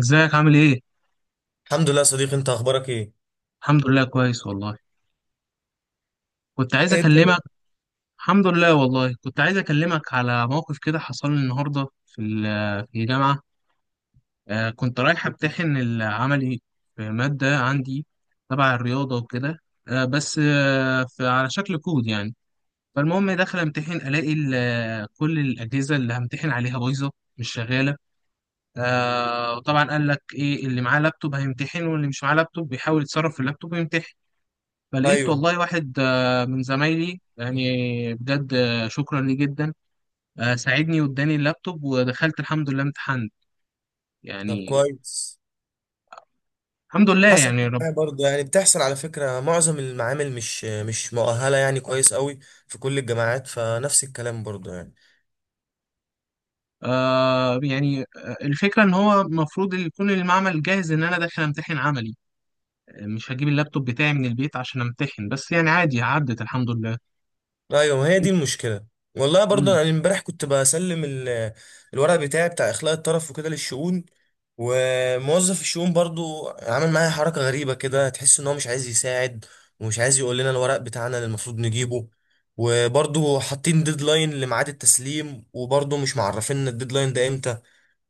ازيك عامل ايه؟ الحمد لله يا صديقي، انت اخبارك ايه؟ الحمد لله كويس والله. كنت عايز ايه الدنيا؟ اكلمك. الحمد لله والله، كنت عايز اكلمك على موقف كده حصل لي النهارده في في الجامعه. كنت رايح امتحن العملي في ماده عندي تبع الرياضه وكده. آه بس آه في على شكل كود يعني. فالمهم داخل امتحن الاقي كل الاجهزه اللي همتحن عليها بايظه، مش شغاله. وطبعا قال لك ايه، اللي معاه لابتوب هيمتحن، واللي مش معاه لابتوب بيحاول يتصرف في اللابتوب ويمتحن. فلقيت ايوه، والله واحد من زمايلي يعني، بجد، شكرا ليه جدا. ساعدني واداني اللابتوب ودخلت الحمد لله امتحنت طب يعني. كويس. الحمد لله حصلت يعني يا رب. معايا برضه، يعني بتحصل على فكرة معظم المعامل مش مؤهلة يعني كويس قوي في كل الجامعات، فنفس الكلام برضه يعني. الفكرة إن هو المفروض يكون المعمل جاهز إن أنا داخل أمتحن عملي. مش هجيب اللابتوب بتاعي من البيت عشان أمتحن، بس يعني عادي عدت الحمد لله. ايوه، ما هي دي المشكله. والله برضه مم. انا امبارح كنت بسلم الورق بتاعي بتاع اخلاء الطرف وكده للشؤون. وموظف الشؤون برضه عمل معايا حركه غريبه كده، تحس ان هو مش عايز يساعد ومش عايز يقول لنا الورق بتاعنا اللي المفروض نجيبه. وبرضه حاطين ديدلاين لميعاد التسليم وبرضه مش معرفين الديدلاين ده امتى.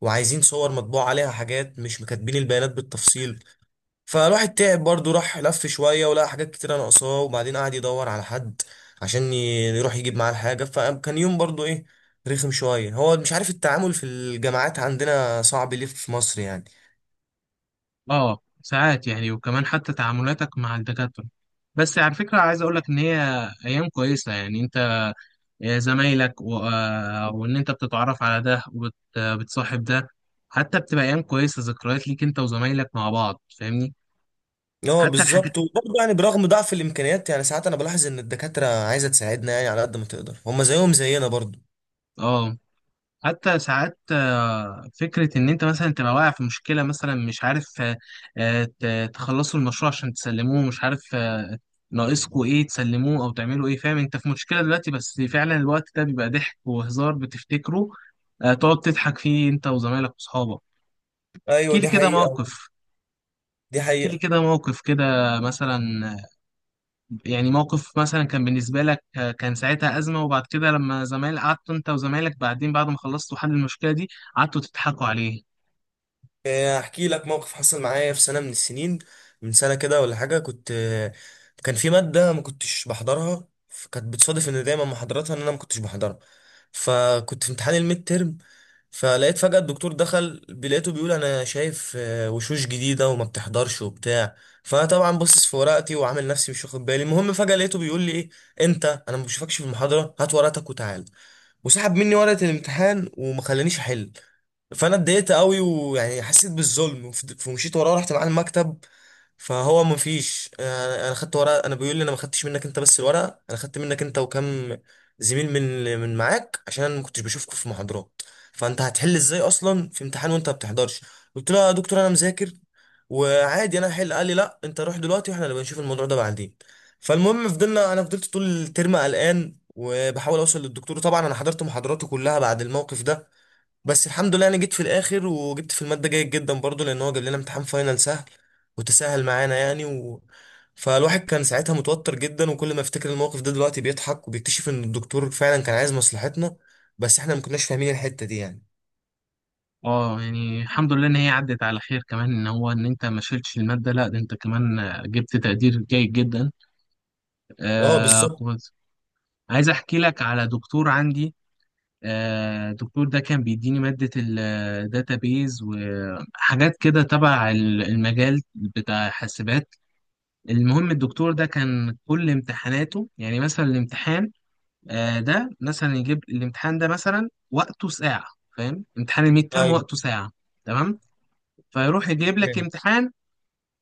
وعايزين صور مطبوع عليها حاجات مش مكاتبين البيانات بالتفصيل. فالواحد تعب برضه، راح لف شوية ولقى حاجات كتيرة ناقصاه، وبعدين قعد يدور على حد عشان يروح يجيب معاه الحاجة. فكان يوم برضه ايه، رخم شوية، هو مش عارف. التعامل في الجامعات عندنا صعب ليه في مصر يعني. اه ساعات يعني، وكمان حتى تعاملاتك مع الدكاترة. بس على فكرة عايز اقول لك ان هي ايام كويسة يعني، انت زمايلك و... آه، وان انت بتتعرف على ده وبتصاحب ده، حتى بتبقى ايام كويسه، ذكريات ليك انت وزمايلك مع بعض، فاهمني. اه حتى الحاجات، بالظبط. وبرضه يعني برغم ضعف الامكانيات، يعني ساعات انا بلاحظ ان الدكاترة عايزة تساعدنا يعني على قد ما تقدر، هما زيهم زينا برضه. اه، حتى ساعات، فكره ان انت مثلا تبقى واقع في مشكله، مثلا مش عارف، آه، آه، ت- تخلصوا المشروع عشان تسلموه، مش عارف ناقصكوا ايه تسلموه او تعملوا ايه، فاهم انت في مشكله دلوقتي، بس فعلا الوقت ده بيبقى ضحك وهزار بتفتكره، تقعد تضحك فيه انت وزمايلك واصحابك. ايوه احكي لي دي كده حقيقة. موقف. دي احكي لي حقيقة. كده موقف كده مثلا، يعني موقف مثلا كان بالنسبة لك، كان ساعتها أزمة، وبعد كده لما قعدت أنت وزمايلك بعدين بعد ما خلصتوا حل المشكلة دي، قعدتوا تضحكوا عليه. احكي لك موقف حصل معايا في سنه من السنين، من سنه كده ولا حاجه، كنت كان في ماده ما كنتش بحضرها، فكانت بتصادف ان دايما محاضراتها ان انا ما كنتش بحضرها. فكنت في امتحان الميد ترم. فلقيت فجاه الدكتور دخل، لقيته بيقول انا شايف وشوش جديده وما بتحضرش وبتاع. فطبعا باصص في ورقتي وعامل نفسي مش واخد بالي. المهم فجاه لقيته بيقول لي ايه انت، انا ما بشوفكش في المحاضره، هات ورقتك وتعال. وسحب مني ورقه الامتحان وما خلانيش احل. فانا اتضايقت قوي، ويعني حسيت بالظلم فمشيت وراه، رحت معاه المكتب. فهو مفيش أنا خدت ورقه، انا بيقول لي انا ما خدتش منك انت بس الورقه، انا خدت منك انت وكم زميل من معاك عشان انا ما كنتش بشوفكم في محاضرات. فانت هتحل ازاي اصلا في امتحان وانت ما بتحضرش؟ قلت له يا دكتور انا مذاكر وعادي انا هحل. قال لي لا انت روح دلوقتي واحنا نبقى نشوف الموضوع ده بعدين. فالمهم فضلنا، انا فضلت طول الترم قلقان وبحاول اوصل للدكتور. طبعا انا حضرت محاضراته كلها بعد الموقف ده. بس الحمد لله انا جيت في الاخر وجبت في الماده جيد جدا برضو، لان هو جاب لنا امتحان فاينل سهل وتسهل معانا يعني فالواحد كان ساعتها متوتر جدا، وكل ما افتكر الموقف ده دلوقتي بيضحك وبيكتشف ان الدكتور فعلا كان عايز مصلحتنا، بس احنا ما كناش فاهمين الحته دي يعني. اه يعني الحمد لله إن هي عدت على خير، كمان إن هو إن أنت ما شيلتش المادة، لا ده أنت كمان جبت تقدير جيد جدا. اه بالظبط. كنت عايز أحكي لك على دكتور عندي. الدكتور ده كان بيديني مادة الداتابيز وحاجات كده تبع المجال بتاع حاسبات. المهم الدكتور ده كان كل امتحاناته يعني، مثلا الامتحان ده مثلا، يجيب الامتحان ده مثلا وقته ساعة، فاهم، امتحان الميد ترم ايوه، وقته ساعة، تمام، فيروح يجيب لك امتحان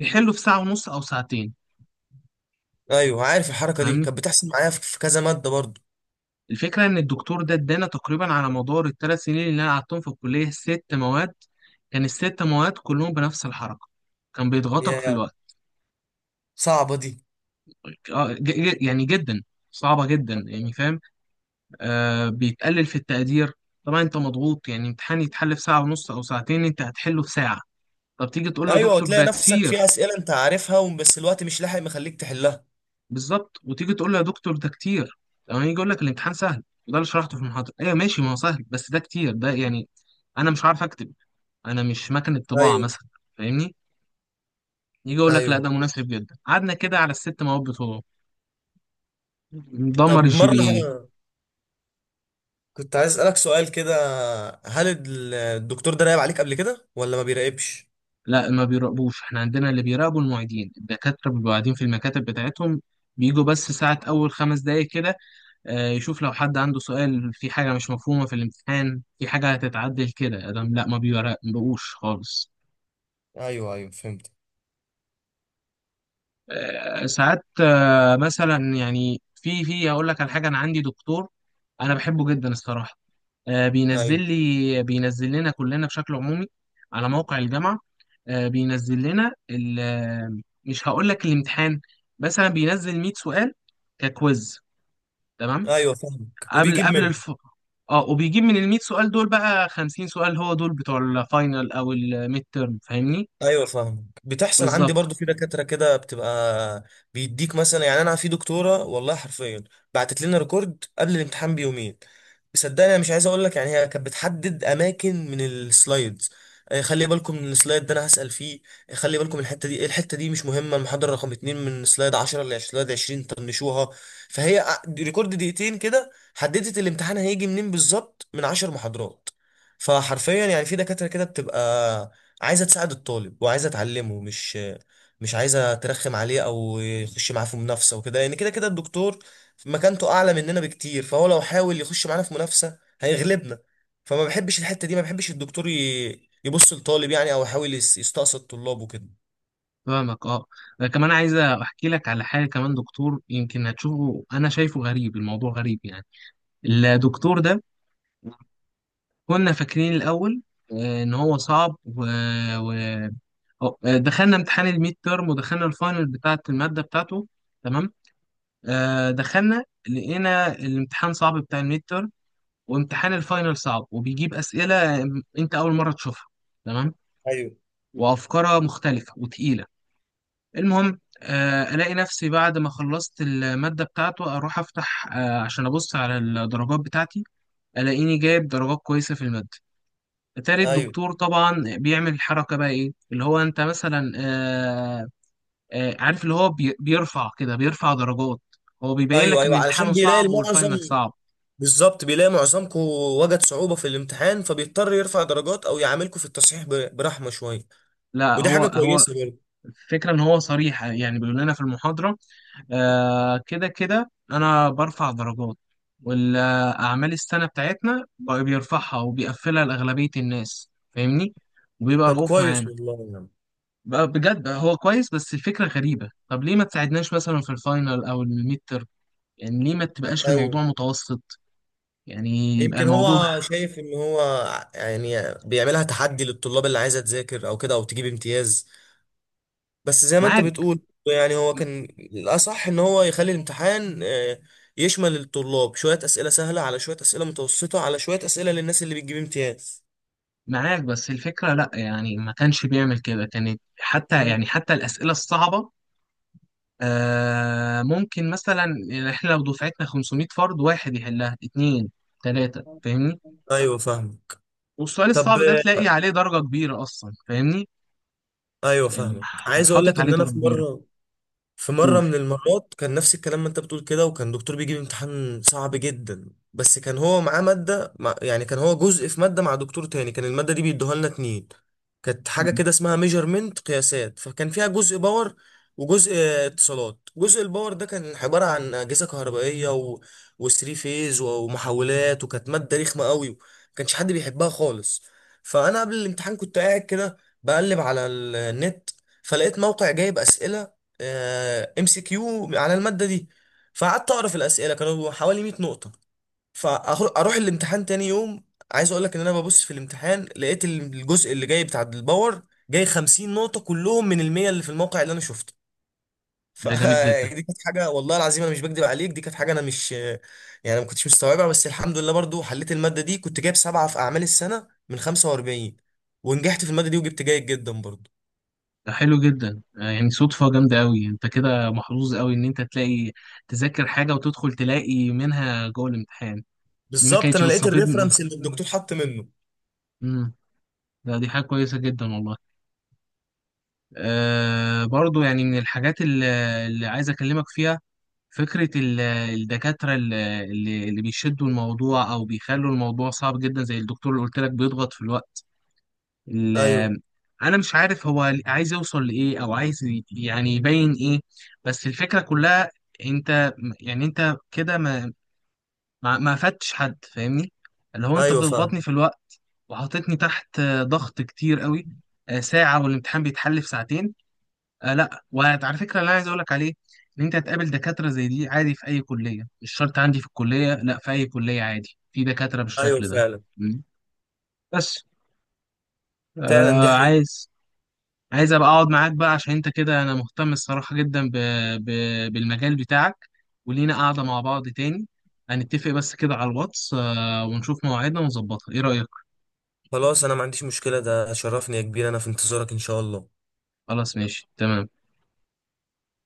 يحله في ساعة ونص أو ساعتين، ايوه عارف، الحركه دي فاهمني. كانت بتحصل معايا في كذا ماده برضو. الفكرة إن الدكتور ده ادانا تقريبا على مدار الثلاث سنين اللي أنا قعدتهم في الكلية ست مواد، كان الست مواد كلهم بنفس الحركة، كان بيضغطك في يا الوقت، صعبه دي. يعني جدا، صعبة جدا يعني فاهم. بيتقلل في التقدير، طبعا انت مضغوط يعني، امتحان يتحل في ساعة ونص او ساعتين انت هتحله في ساعة، طب تيجي تقول له يا ايوه، دكتور وتلاقي ده نفسك في كتير، اسئله انت عارفها بس الوقت مش لاحق مخليك تحلها. بالظبط، وتيجي تقول له يا دكتور ده كتير، لما يجي يقول لك الامتحان سهل وده اللي شرحته في المحاضرة، ايوه ماشي، ما هو سهل بس ده كتير ده يعني، انا مش عارف اكتب، انا مش مكنة طباعة ايوه مثلا، فاهمني. يجي يقول لك لا ايوه. ده مناسب جدا، قعدنا كده على الست مواد بتوعه ندمر طب الجي بي مره اي. كنت عايز اسالك سؤال كده، هل الدكتور ده راقب عليك قبل كده ولا ما بيراقبش؟ لا ما بيراقبوش، احنا عندنا اللي بيراقبوا المعيدين، الدكاترة بيبقوا قاعدين في المكاتب بتاعتهم، بيجوا بس ساعة أول خمس دقايق كده، يشوف لو حد عنده سؤال في حاجة مش مفهومة في الامتحان، في حاجة هتتعدل كده، أدم لا ما بيراقبوش خالص. ايوه ايوه فهمت. آه، ساعات آه، مثلا يعني في أقول لك على حاجة، أنا عندي دكتور أنا بحبه جدا الصراحة، ايوه بينزل لنا كلنا بشكل عمومي على موقع الجامعة، بينزل لنا مش هقول لك الامتحان، مثلا بينزل 100 سؤال ككويز، تمام، ايوه فاهمك، قبل وبيجيب قبل منه. الف، اه، وبيجيب من ال 100 سؤال دول بقى 50 سؤال، هو دول بتوع الفاينل او الميد تيرم، فاهمني. ايوه فاهمك، بتحصل عندي بالظبط. برضو. في دكاتره كده بتبقى بيديك مثلا، يعني انا في دكتوره والله حرفيا بعتت لنا ريكورد قبل الامتحان بيومين. صدقني انا مش عايز اقول لك، يعني هي كانت بتحدد اماكن من السلايدز، خلي بالكم من السلايد ده انا هسال فيه، خلي بالكم الحته دي، إيه، الحته دي مش مهمه، المحاضره رقم اتنين من سلايد 10 ل سلايد 20 طنشوها. فهي ريكورد دقيقتين كده، حددت الامتحان هيجي منين بالظبط من 10 محاضرات. فحرفيا يعني في دكاتره كده بتبقى عايزه تساعد الطالب وعايزه تعلمه، مش عايزه ترخم عليه او يخش معاه في منافسه وكده، لان كده كده الدكتور مكانته اعلى مننا بكتير، فهو لو حاول يخش معانا في منافسه هيغلبنا. فما بحبش الحته دي، ما بحبش الدكتور يبص للطالب يعني، او يحاول يستقصد طلابه كده. فاهمك اه. أنا كمان عايز احكي لك على حاجه كمان، دكتور يمكن هتشوفه انا شايفه غريب، الموضوع غريب يعني. الدكتور ده كنا فاكرين الأول إن هو صعب و... و... أو- آه، دخلنا امتحان الميد تيرم ودخلنا الفاينل بتاعة المادة بتاعته، تمام، دخلنا لقينا الامتحان صعب بتاع الميد تيرم، وامتحان الفاينل صعب وبيجيب أسئلة أنت أول مرة تشوفها، تمام، ايوه وأفكارها مختلفة وتقيلة. المهم ألاقي نفسي بعد ما خلصت المادة بتاعته أروح أفتح، عشان أبص على الدرجات بتاعتي، ألاقيني جايب درجات كويسة في المادة، تالت ايوه. دكتور طبعا بيعمل الحركة بقى، ايه اللي هو انت مثلا عارف اللي هو بيرفع كده، بيرفع درجات، هو بيبين ايوه لك ان ايوه علشان امتحانه بيلاقي صعب المعظم. والفاينل صعب. بالظبط، بيلاقي معظمكم وجد صعوبه في الامتحان فبيضطر يرفع درجات او يعاملكم في التصحيح برحمه شويه. لا ودي هو حاجه هو كويسه برضه. الفكرة ان هو صريح يعني، بيقول لنا في المحاضرة كده كده انا برفع درجات، والاعمال السنة بتاعتنا بقى بيرفعها وبيقفلها لأغلبية الناس، فاهمني، وبيبقى طب رؤوف كويس معانا، والله يا عم. بقى بجد بقى، هو كويس بس الفكرة غريبة، طب ليه ما تساعدناش مثلا في الفاينل او الميد، يعني ليه ما تبقاش الموضوع ايوه، متوسط يعني، يبقى يمكن الموضوع، هو شايف ان هو يعني بيعملها تحدي للطلاب اللي عايزه تذاكر او كده، او تجيب امتياز. بس زي ما انت معاك، بتقول، يعني هو كان الاصح ان هو يخلي الامتحان يشمل الطلاب شويه اسئله سهله على شويه اسئله متوسطه على شويه اسئله للناس اللي بتجيب امتياز. معاك، بس الفكرة لا، يعني ما كانش بيعمل كده، كانت حتى مم. يعني حتى الأسئلة الصعبة ممكن مثلا يعني، احنا لو دفعتنا 500 فرد واحد يحلها، اتنين تلاتة فاهمني، ايوه فاهمك. والسؤال طب الصعب ده تلاقي عليه درجة كبيرة أصلا، فاهمني ايوه يعني، فاهمك. عايز اقول حاطط لك عليه ان انا درجة في كبيرة. مره، في مرة قول. من المرات كان نفس الكلام ما انت بتقول كده، وكان دكتور بيجيب امتحان صعب جدا، بس كان هو معاه مادة مع يعني كان هو جزء في مادة مع دكتور تاني، كان المادة دي بيدوها لنا اتنين. كانت حاجة مم. كده اسمها ميجرمنت قياسات، فكان فيها جزء باور وجزء اتصالات. جزء الباور ده كان عبارة عن أجهزة كهربائية وثري فيز ومحولات، وكانت مادة رخمة قوي ما كانش حد بيحبها خالص. فأنا قبل الامتحان كنت قاعد كده بقلب على النت، فلقيت موقع جايب أسئلة MCQ على الماده دي، فقعدت اقرا في الاسئله كانوا حوالي 100 نقطه. فاروح الامتحان تاني يوم، عايز اقول لك ان انا ببص في الامتحان لقيت الجزء اللي جاي بتاع الباور جاي 50 نقطه كلهم من المية اللي في الموقع اللي انا شفته. ده جامد جدا. فدي كانت حاجه والله العظيم انا مش بكدب عليك، دي كانت حاجه انا مش يعني ما كنتش مستوعبها، بس الحمد لله برضو حليت الماده دي، كنت جايب سبعه في اعمال السنه من 45 ونجحت في الماده دي وجبت جيد جدا برضو. ده حلو جدا، يعني صدفة جامدة أوي، أنت كده محظوظ أوي إن أنت تلاقي تذاكر حاجة وتدخل تلاقي منها جوه الامتحان، دي ما بالظبط، كانتش انا لقيت بتصافدني. الريفرنس اللي الدكتور حط منه. امم ده دي حاجة كويسة جدا والله. أه برضو يعني، من الحاجات اللي عايز أكلمك فيها، فكرة الدكاترة اللي اللي بيشدوا الموضوع أو بيخلوا الموضوع صعب جدا، زي الدكتور اللي قلت لك بيضغط في الوقت، ال- ايوه انا مش عارف هو عايز يوصل لايه، او عايز يعني يبين ايه، بس الفكره كلها، انت، يعني انت كده ما فدتش حد فاهمني، اللي هو انت ايوه بتضغطني فاهم. في الوقت وحطيتني تحت ضغط كتير قوي، ساعه والامتحان بيتحل في ساعتين. لا وعلى فكره اللي انا عايز اقول لك عليه، ان انت هتقابل دكاتره زي دي عادي في اي كليه، مش شرط عندي في الكليه، لا، في اي كليه عادي في دكاتره ايوه بالشكل ده. فعلا. م. بس فعلا دي آه حقيقة. عايز عايز ابقى اقعد معاك بقى، عشان انت كده انا مهتم الصراحة جدا ب... ب... بالمجال بتاعك، ولينا قاعدة مع بعض تاني، هنتفق بس كده على الواتس، ونشوف مواعيدنا ونظبطها، ايه رأيك؟ خلاص، انا ما عنديش مشكلة، ده شرفني يا كبير، انا في انتظارك ان شاء الله. خلاص ماشي تمام.